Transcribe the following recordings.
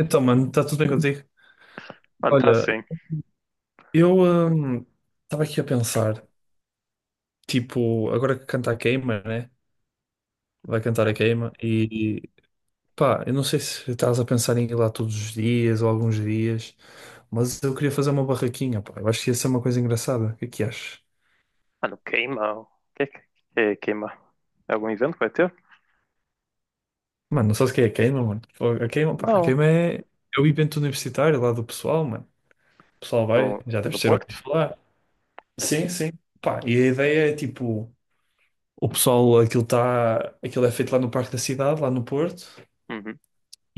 Então, mano, está tudo bem contigo? Mano, tá Olha, sim. eu estava aqui a pensar, tipo, agora que canta a queima, né? Vai cantar a queima e pá, eu não sei se estás a pensar em ir lá todos os dias ou alguns dias, mas eu queria fazer uma barraquinha, pá. Eu acho que ia ser uma coisa engraçada. O que é que achas? Mano, queima. O que que queima? É algum evento que vai ter? Mano, não sabes o que é a queima, mano? A queima, pá, a Não. queima é o evento universitário lá do pessoal, mano. O pessoal vai, No, já no deves ter ouvido Porto? falar. Sim, sim. Pá, e a ideia é tipo. O pessoal, aquilo tá, aquilo é feito lá no Parque da Cidade, lá no Porto, Uhum.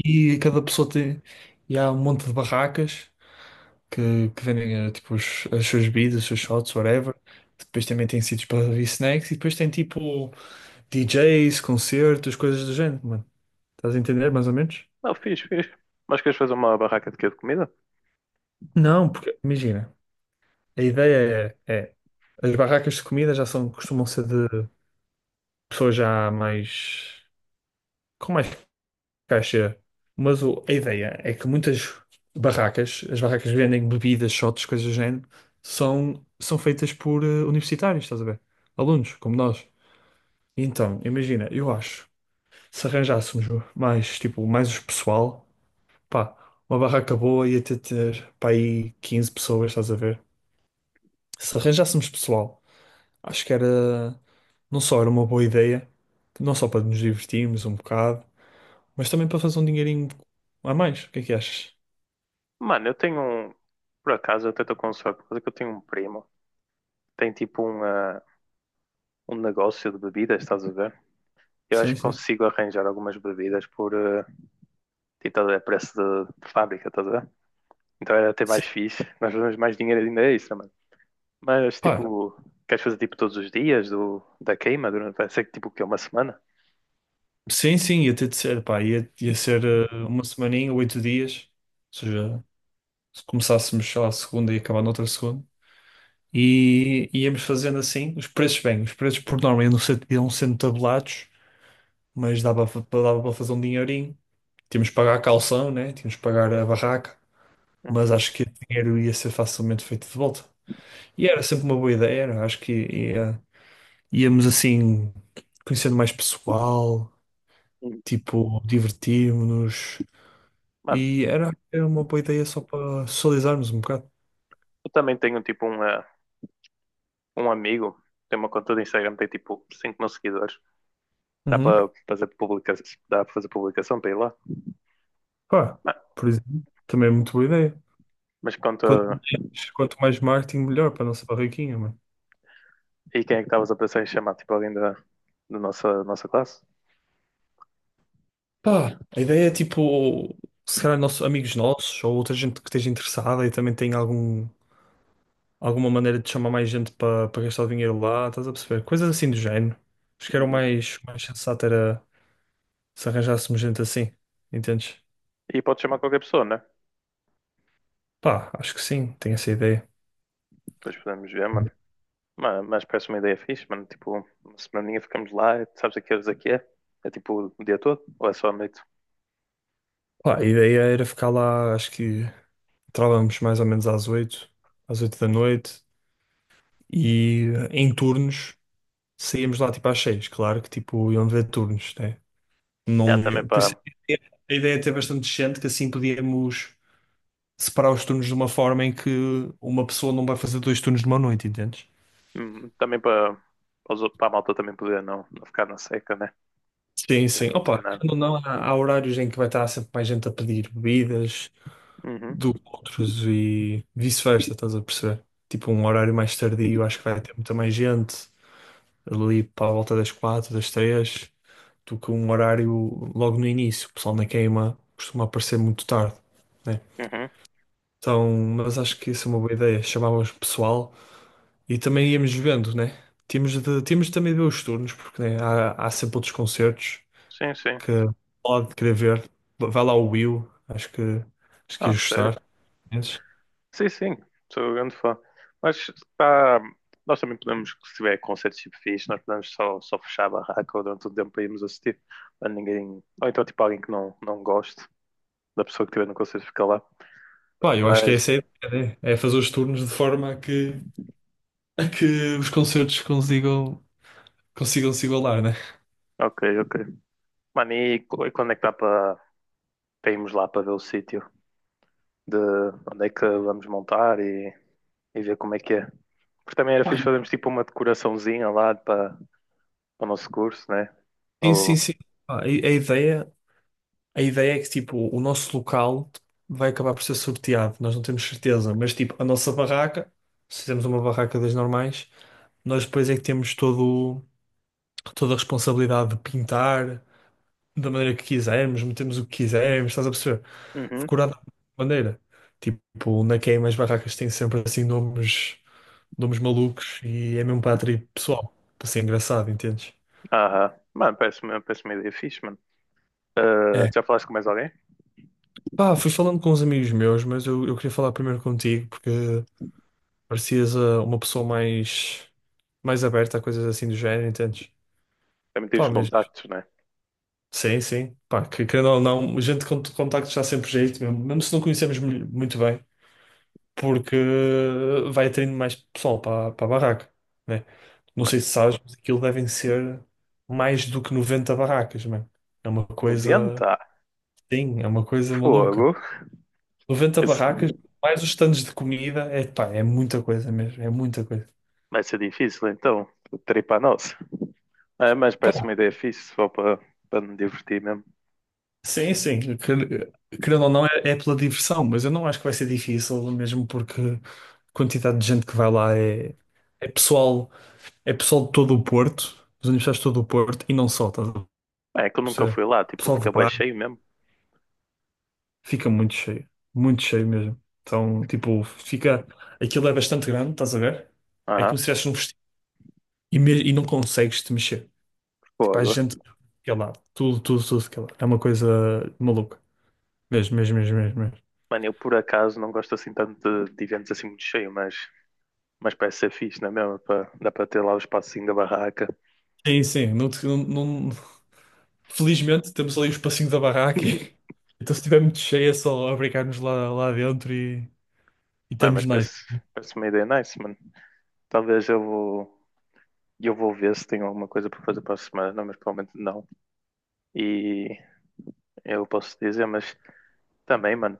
e cada pessoa tem, e há um monte de barracas que vendem tipo, as suas bebidas, os seus shots, whatever. Depois também tem sítios para ver snacks e depois tem tipo DJs, concertos, coisas do género, mano. Estás a entender mais ou menos? Não, fiz. Mas queres fazer uma barraca de quê? De comida? Não, porque imagina, a ideia é as barracas de comida já são, costumam ser de pessoas já mais com mais caixa. Mas a ideia é que muitas barracas, as barracas que vendem bebidas, shots, coisas do género, são feitas por universitários, estás a ver? Alunos, como nós. Então, imagina, eu acho, se arranjássemos mais, tipo, mais os pessoal, pá, uma barraca boa ia ter pá, aí 15 pessoas, estás a ver? Se arranjássemos pessoal, acho que era, não só era uma boa ideia, não só para nos divertirmos um bocado, mas também para fazer um dinheirinho a mais. O que é que achas? Mano, eu tenho um. Por acaso, eu até estou com sorte, por causa que eu tenho um primo. Tem tipo um, ah, um negócio de bebidas, estás a ver? Eu acho Sim, que sim. consigo arranjar algumas bebidas por, ah, tipo, estás a ver, preço de fábrica, estás a ver? Então era até mais Sim, fixe. Nós fazemos mais dinheiro ainda extra. Mas pá, tipo, queres fazer tipo todos os dias da queima durante, vai ser tipo que é uma semana? sim, sim, ia ter de ser, pá, ia ser uma semaninha, 8 dias, ou seja, se começássemos, sei lá, segunda e acabar noutra segunda, e íamos fazendo assim, os preços bem, os preços por norma iam sendo tabelados, mas dava, dava para fazer um dinheirinho, tínhamos que pagar a calção, né, tínhamos que pagar a barraca, mas acho que o dinheiro ia ser facilmente feito de volta, e era sempre uma boa ideia, era, acho que íamos assim, conhecendo mais pessoal. Uhum. Tipo, divertirmos-nos. Mano, E era uma boa ideia só para socializarmos um bocado. eu também tenho tipo um, eh, um amigo, tem uma conta do Instagram, tem tipo 5 mil seguidores. Dá Uhum. para fazer publicação, dá para fazer publicação para ir lá. Pá, Mano, por exemplo, também é muito boa ideia. mas Quanto conta, mais, quanto mais marketing, melhor para a nossa barraquinha, mano. e quem é que estavas a pensar em chamar? Tipo alguém da, da nossa classe? Pá, a ideia é tipo, se calhar nossos, amigos nossos ou outra gente que esteja interessada e também tem algum, alguma maneira de chamar mais gente para gastar o dinheiro lá, estás a perceber? Coisas assim do género. Acho que era o Uhum. mais sensato era se arranjássemos gente assim, entendes? E pode chamar qualquer pessoa, né? Pá, acho que sim, tenho essa ideia. Depois podemos ver, mano. Mas parece uma ideia fixe, mano. Tipo, uma semaninha ficamos lá, e tu sabes a que horas é que é? É tipo o dia todo? Ou é só à noite? Pá, a ideia era ficar lá, acho que entrávamos mais ou menos às oito da noite e, em turnos, saíamos lá tipo às seis. Claro que tipo iam haver turnos, né? É, Não também ia- Por isso para a ideia é ter bastante gente que assim podíamos separar os turnos de uma forma em que uma pessoa não vai fazer dois turnos numa noite, entendes? Também para a malta também poder não ficar na seca, né? Sim, Não vai sim. acontecer Opa, nada. querendo ou não, há horários em que vai estar sempre mais gente a pedir bebidas Uhum, do que outros e vice-versa, estás a perceber? Tipo, um horário mais tardio, acho que vai ter muita mais gente ali para a volta das quatro, das três, do que um horário logo no início. O pessoal na queima costuma aparecer muito tarde, né? uhum. Então, mas acho que isso é uma boa ideia. Chamávamos o pessoal e também íamos vendo, né? Tínhamos de também ver os turnos, porque né, há sempre outros concertos Sim, sim. que pode querer ver. Vai lá o Will, acho que Ah, ia sério. gostar. Mas, Sim, sim, sou um grande fã. Mas tá, nós também podemos, se tiver concertos tipo fixe, nós podemos só fechar a barraca durante o tempo para irmos assistir. Para ninguém. Ou então tipo alguém que não goste da pessoa que estiver no concerto fica lá. pá, eu acho que Mas essa é essa a ideia, né? É fazer os turnos de forma a que os concertos consigam se igualar, né? ok, ok. Mano, e e quando é que dá para irmos lá para ver o sítio de onde é que vamos montar e ver como é que é? Porque também era Pá, fixe fazermos tipo uma decoraçãozinha lá para, para o nosso curso, né? sim, sim, Ou... sim. Ah, A, a ideia, a ideia é que tipo, o nosso local vai acabar por ser sorteado, nós não temos certeza, mas tipo, a nossa barraca, se temos uma barraca das normais, nós depois é que temos toda a responsabilidade de pintar da maneira que quisermos, metemos o que quisermos, estás a perceber? Uhum. Decorar da maneira. Tipo, na queima as barracas têm sempre assim nomes malucos e é mesmo para atrair pessoal, para ser engraçado, entendes? Aham. Mano, parece uma ideia fixe, mano. Ah, É. já falaste com mais alguém? Pá, fui falando com uns amigos meus, mas eu queria falar primeiro contigo porque parecias uma pessoa mais aberta a coisas assim do género, entendes? Também tive os Pá, mas contactos, né? sim, sim. Pá, que querendo ou não, gente com contacto está sempre jeito, mesmo se não conhecemos muito bem, porque vai atraindo mais pessoal para a barraca, né? Não Mas sei se sabes, mas aquilo devem ser mais do que 90 barracas, mano. É uma coisa, 90? sim, é uma coisa maluca. Fogo. 90 Isso barracas, mais os stands de comida, é, pá, é muita coisa mesmo, é muita coisa. vai ser difícil, então. Terei para nós. É, mas parece uma Pá, ideia fixe, só para me divertir mesmo. sim, sim, querendo ou não, é pela diversão, mas eu não acho que vai ser difícil, mesmo porque a quantidade de gente que vai lá é é pessoal de todo o Porto, dos universitários de todo o Porto, e não só, estás a É que eu nunca perceber? fui lá, tipo, Pessoal de fica bué Braga cheio mesmo. fica muito cheio mesmo. Então, tipo, fica, aquilo é bastante grande, estás a ver? É Aham, como se estivesse num vestido e, e não consegues te mexer. Tipo, há fogo. gente de cada lado. Tudo, tudo, tudo de cada lado. É uma coisa maluca. Mesmo, mesmo, mesmo, mesmo, mesmo. Mano, eu por acaso não gosto assim tanto de eventos assim muito cheio, mas parece ser fixe, não é mesmo? Dá para ter lá o espacinho da barraca. Sim, sim. Não, te- não- não- Felizmente temos ali o espacinho da barraca. Então, se estiver muito cheio, é só abrigar-nos lá, lá dentro e Não, estamos mas nice. parece, parece uma ideia nice, mano. Talvez eu vou ver se tenho alguma coisa para fazer para a semana, mas provavelmente não. E eu posso dizer, mas também, mano,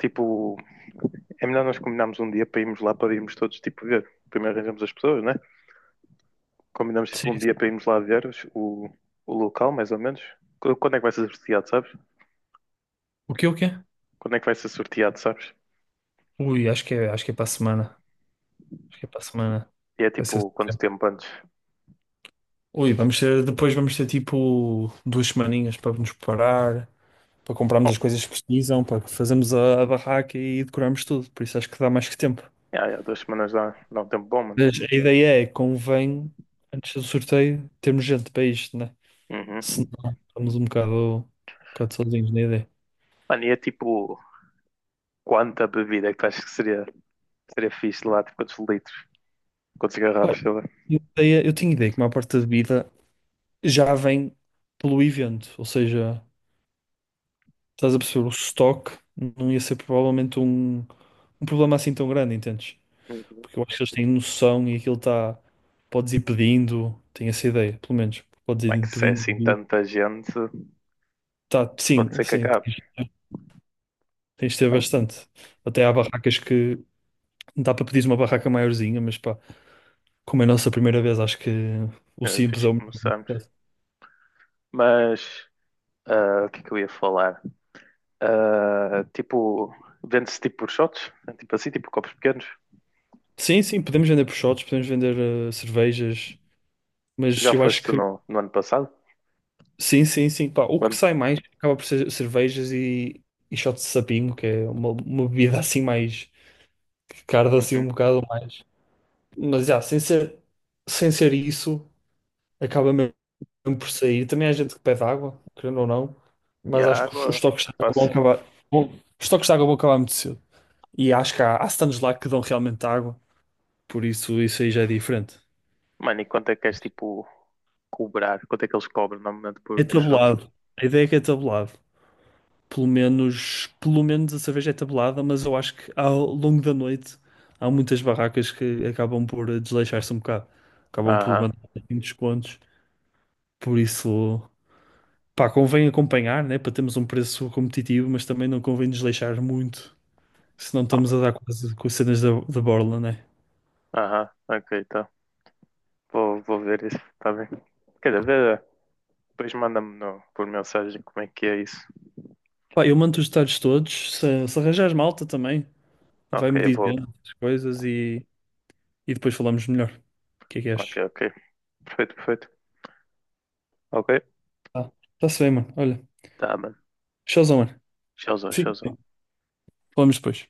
tipo, é melhor nós combinarmos um dia para irmos lá para irmos todos, tipo, ver. Primeiro arranjamos as pessoas, né? Combinamos, tipo, Sim. um dia para irmos lá ver o local, mais ou menos. Quando é que vai ser sorteado, sabes? O que, o quê? Quando é que vai ser sorteado, sabes? Ui, acho que é para a semana. Acho que é para a semana. E é Vai ser tipo, quanto assim. tempo antes? Ui, depois vamos ter tipo duas semaninhas para nos preparar, para comprarmos Oh, as coisas que precisam, para fazermos a barraca e decorarmos tudo. Por isso acho que dá mais que tempo. já, já, duas semanas dá, dá um tempo bom, mano. Mas a ideia é, convém, antes do sorteio, termos gente para isto, né? Uhum. Senão estamos um bocado sozinhos na ideia. Mano, e é tipo, quanta bebida é que tu achas que seria, seria fixe lá? Tipo, quantos litros? Quantas Pá, garrafas? Sei lá. Eu tinha ideia que uma parte da bebida já vem pelo evento, ou seja, estás a perceber, o estoque não ia ser provavelmente um problema assim tão grande, entendes? Uhum. Porque eu acho que eles têm noção e aquilo está. Podes ir pedindo, tenho essa ideia, pelo menos. Podes Como é que ir se é assim pedindo. tanta gente? Tá, Pode sim, ser que sim, acabe. tens de ter Bem, bastante. Até há barracas que. Dá para pedir uma barraca maiorzinha, mas pá, como é a nossa primeira vez, acho que o eh, simples fixe é o que melhor neste começamos. caso. Mas ah, o que é que eu ia falar? Ah, tipo, vende-se tipo por shots? Tipo assim, tipo copos pequenos? Sim, sim, podemos vender proshotes, podemos vender cervejas, Tu mas já eu acho foste que no, no ano passado? sim, sim, sim, pá, o que Quando? sai mais acaba por ser cervejas e shots de sapinho, que é uma bebida assim mais que carda assim um Uhum. bocado mais. Mas já, sem ser isso, acaba mesmo por sair. Também há gente que pede água, querendo ou não, E a mas acho que os água toques de é água vão fácil. acabar. Os toques de água vão acabar muito cedo. E acho que há stands lá que dão realmente água, por isso isso aí já é diferente. Mano, e quanto é que és tipo cobrar? Quanto é que eles cobram normalmente É por shot? tabulado. A ideia é que é tabulado. Pelo menos a cerveja é tabulada, mas eu acho que ao longo da noite há muitas barracas que acabam por desleixar-se um bocado. Acabam por Aham. mandar assim descontos. Por isso, pá, convém acompanhar, né? Para termos um preço competitivo, mas também não convém desleixar muito, senão Ah, estamos a mano. dar quase com as cenas da borla, né? Aham. Ok, tá. Vou, vou ver isso, tá bem. Quer dizer, vê, depois manda-me por mensagem como é que é isso. Pá, eu mando os detalhes todos. Se arranjares malta também, Ok, vai-me eu vou. dizendo as coisas e depois falamos melhor. O que é que Ok, achas? ok. Perfeito, perfeito. Ok? Tá. Tá-se bem, mano. Olha, Tá, mano. showzão, mano. Tchauzão, Fica tchauzão. bem. Falamos depois.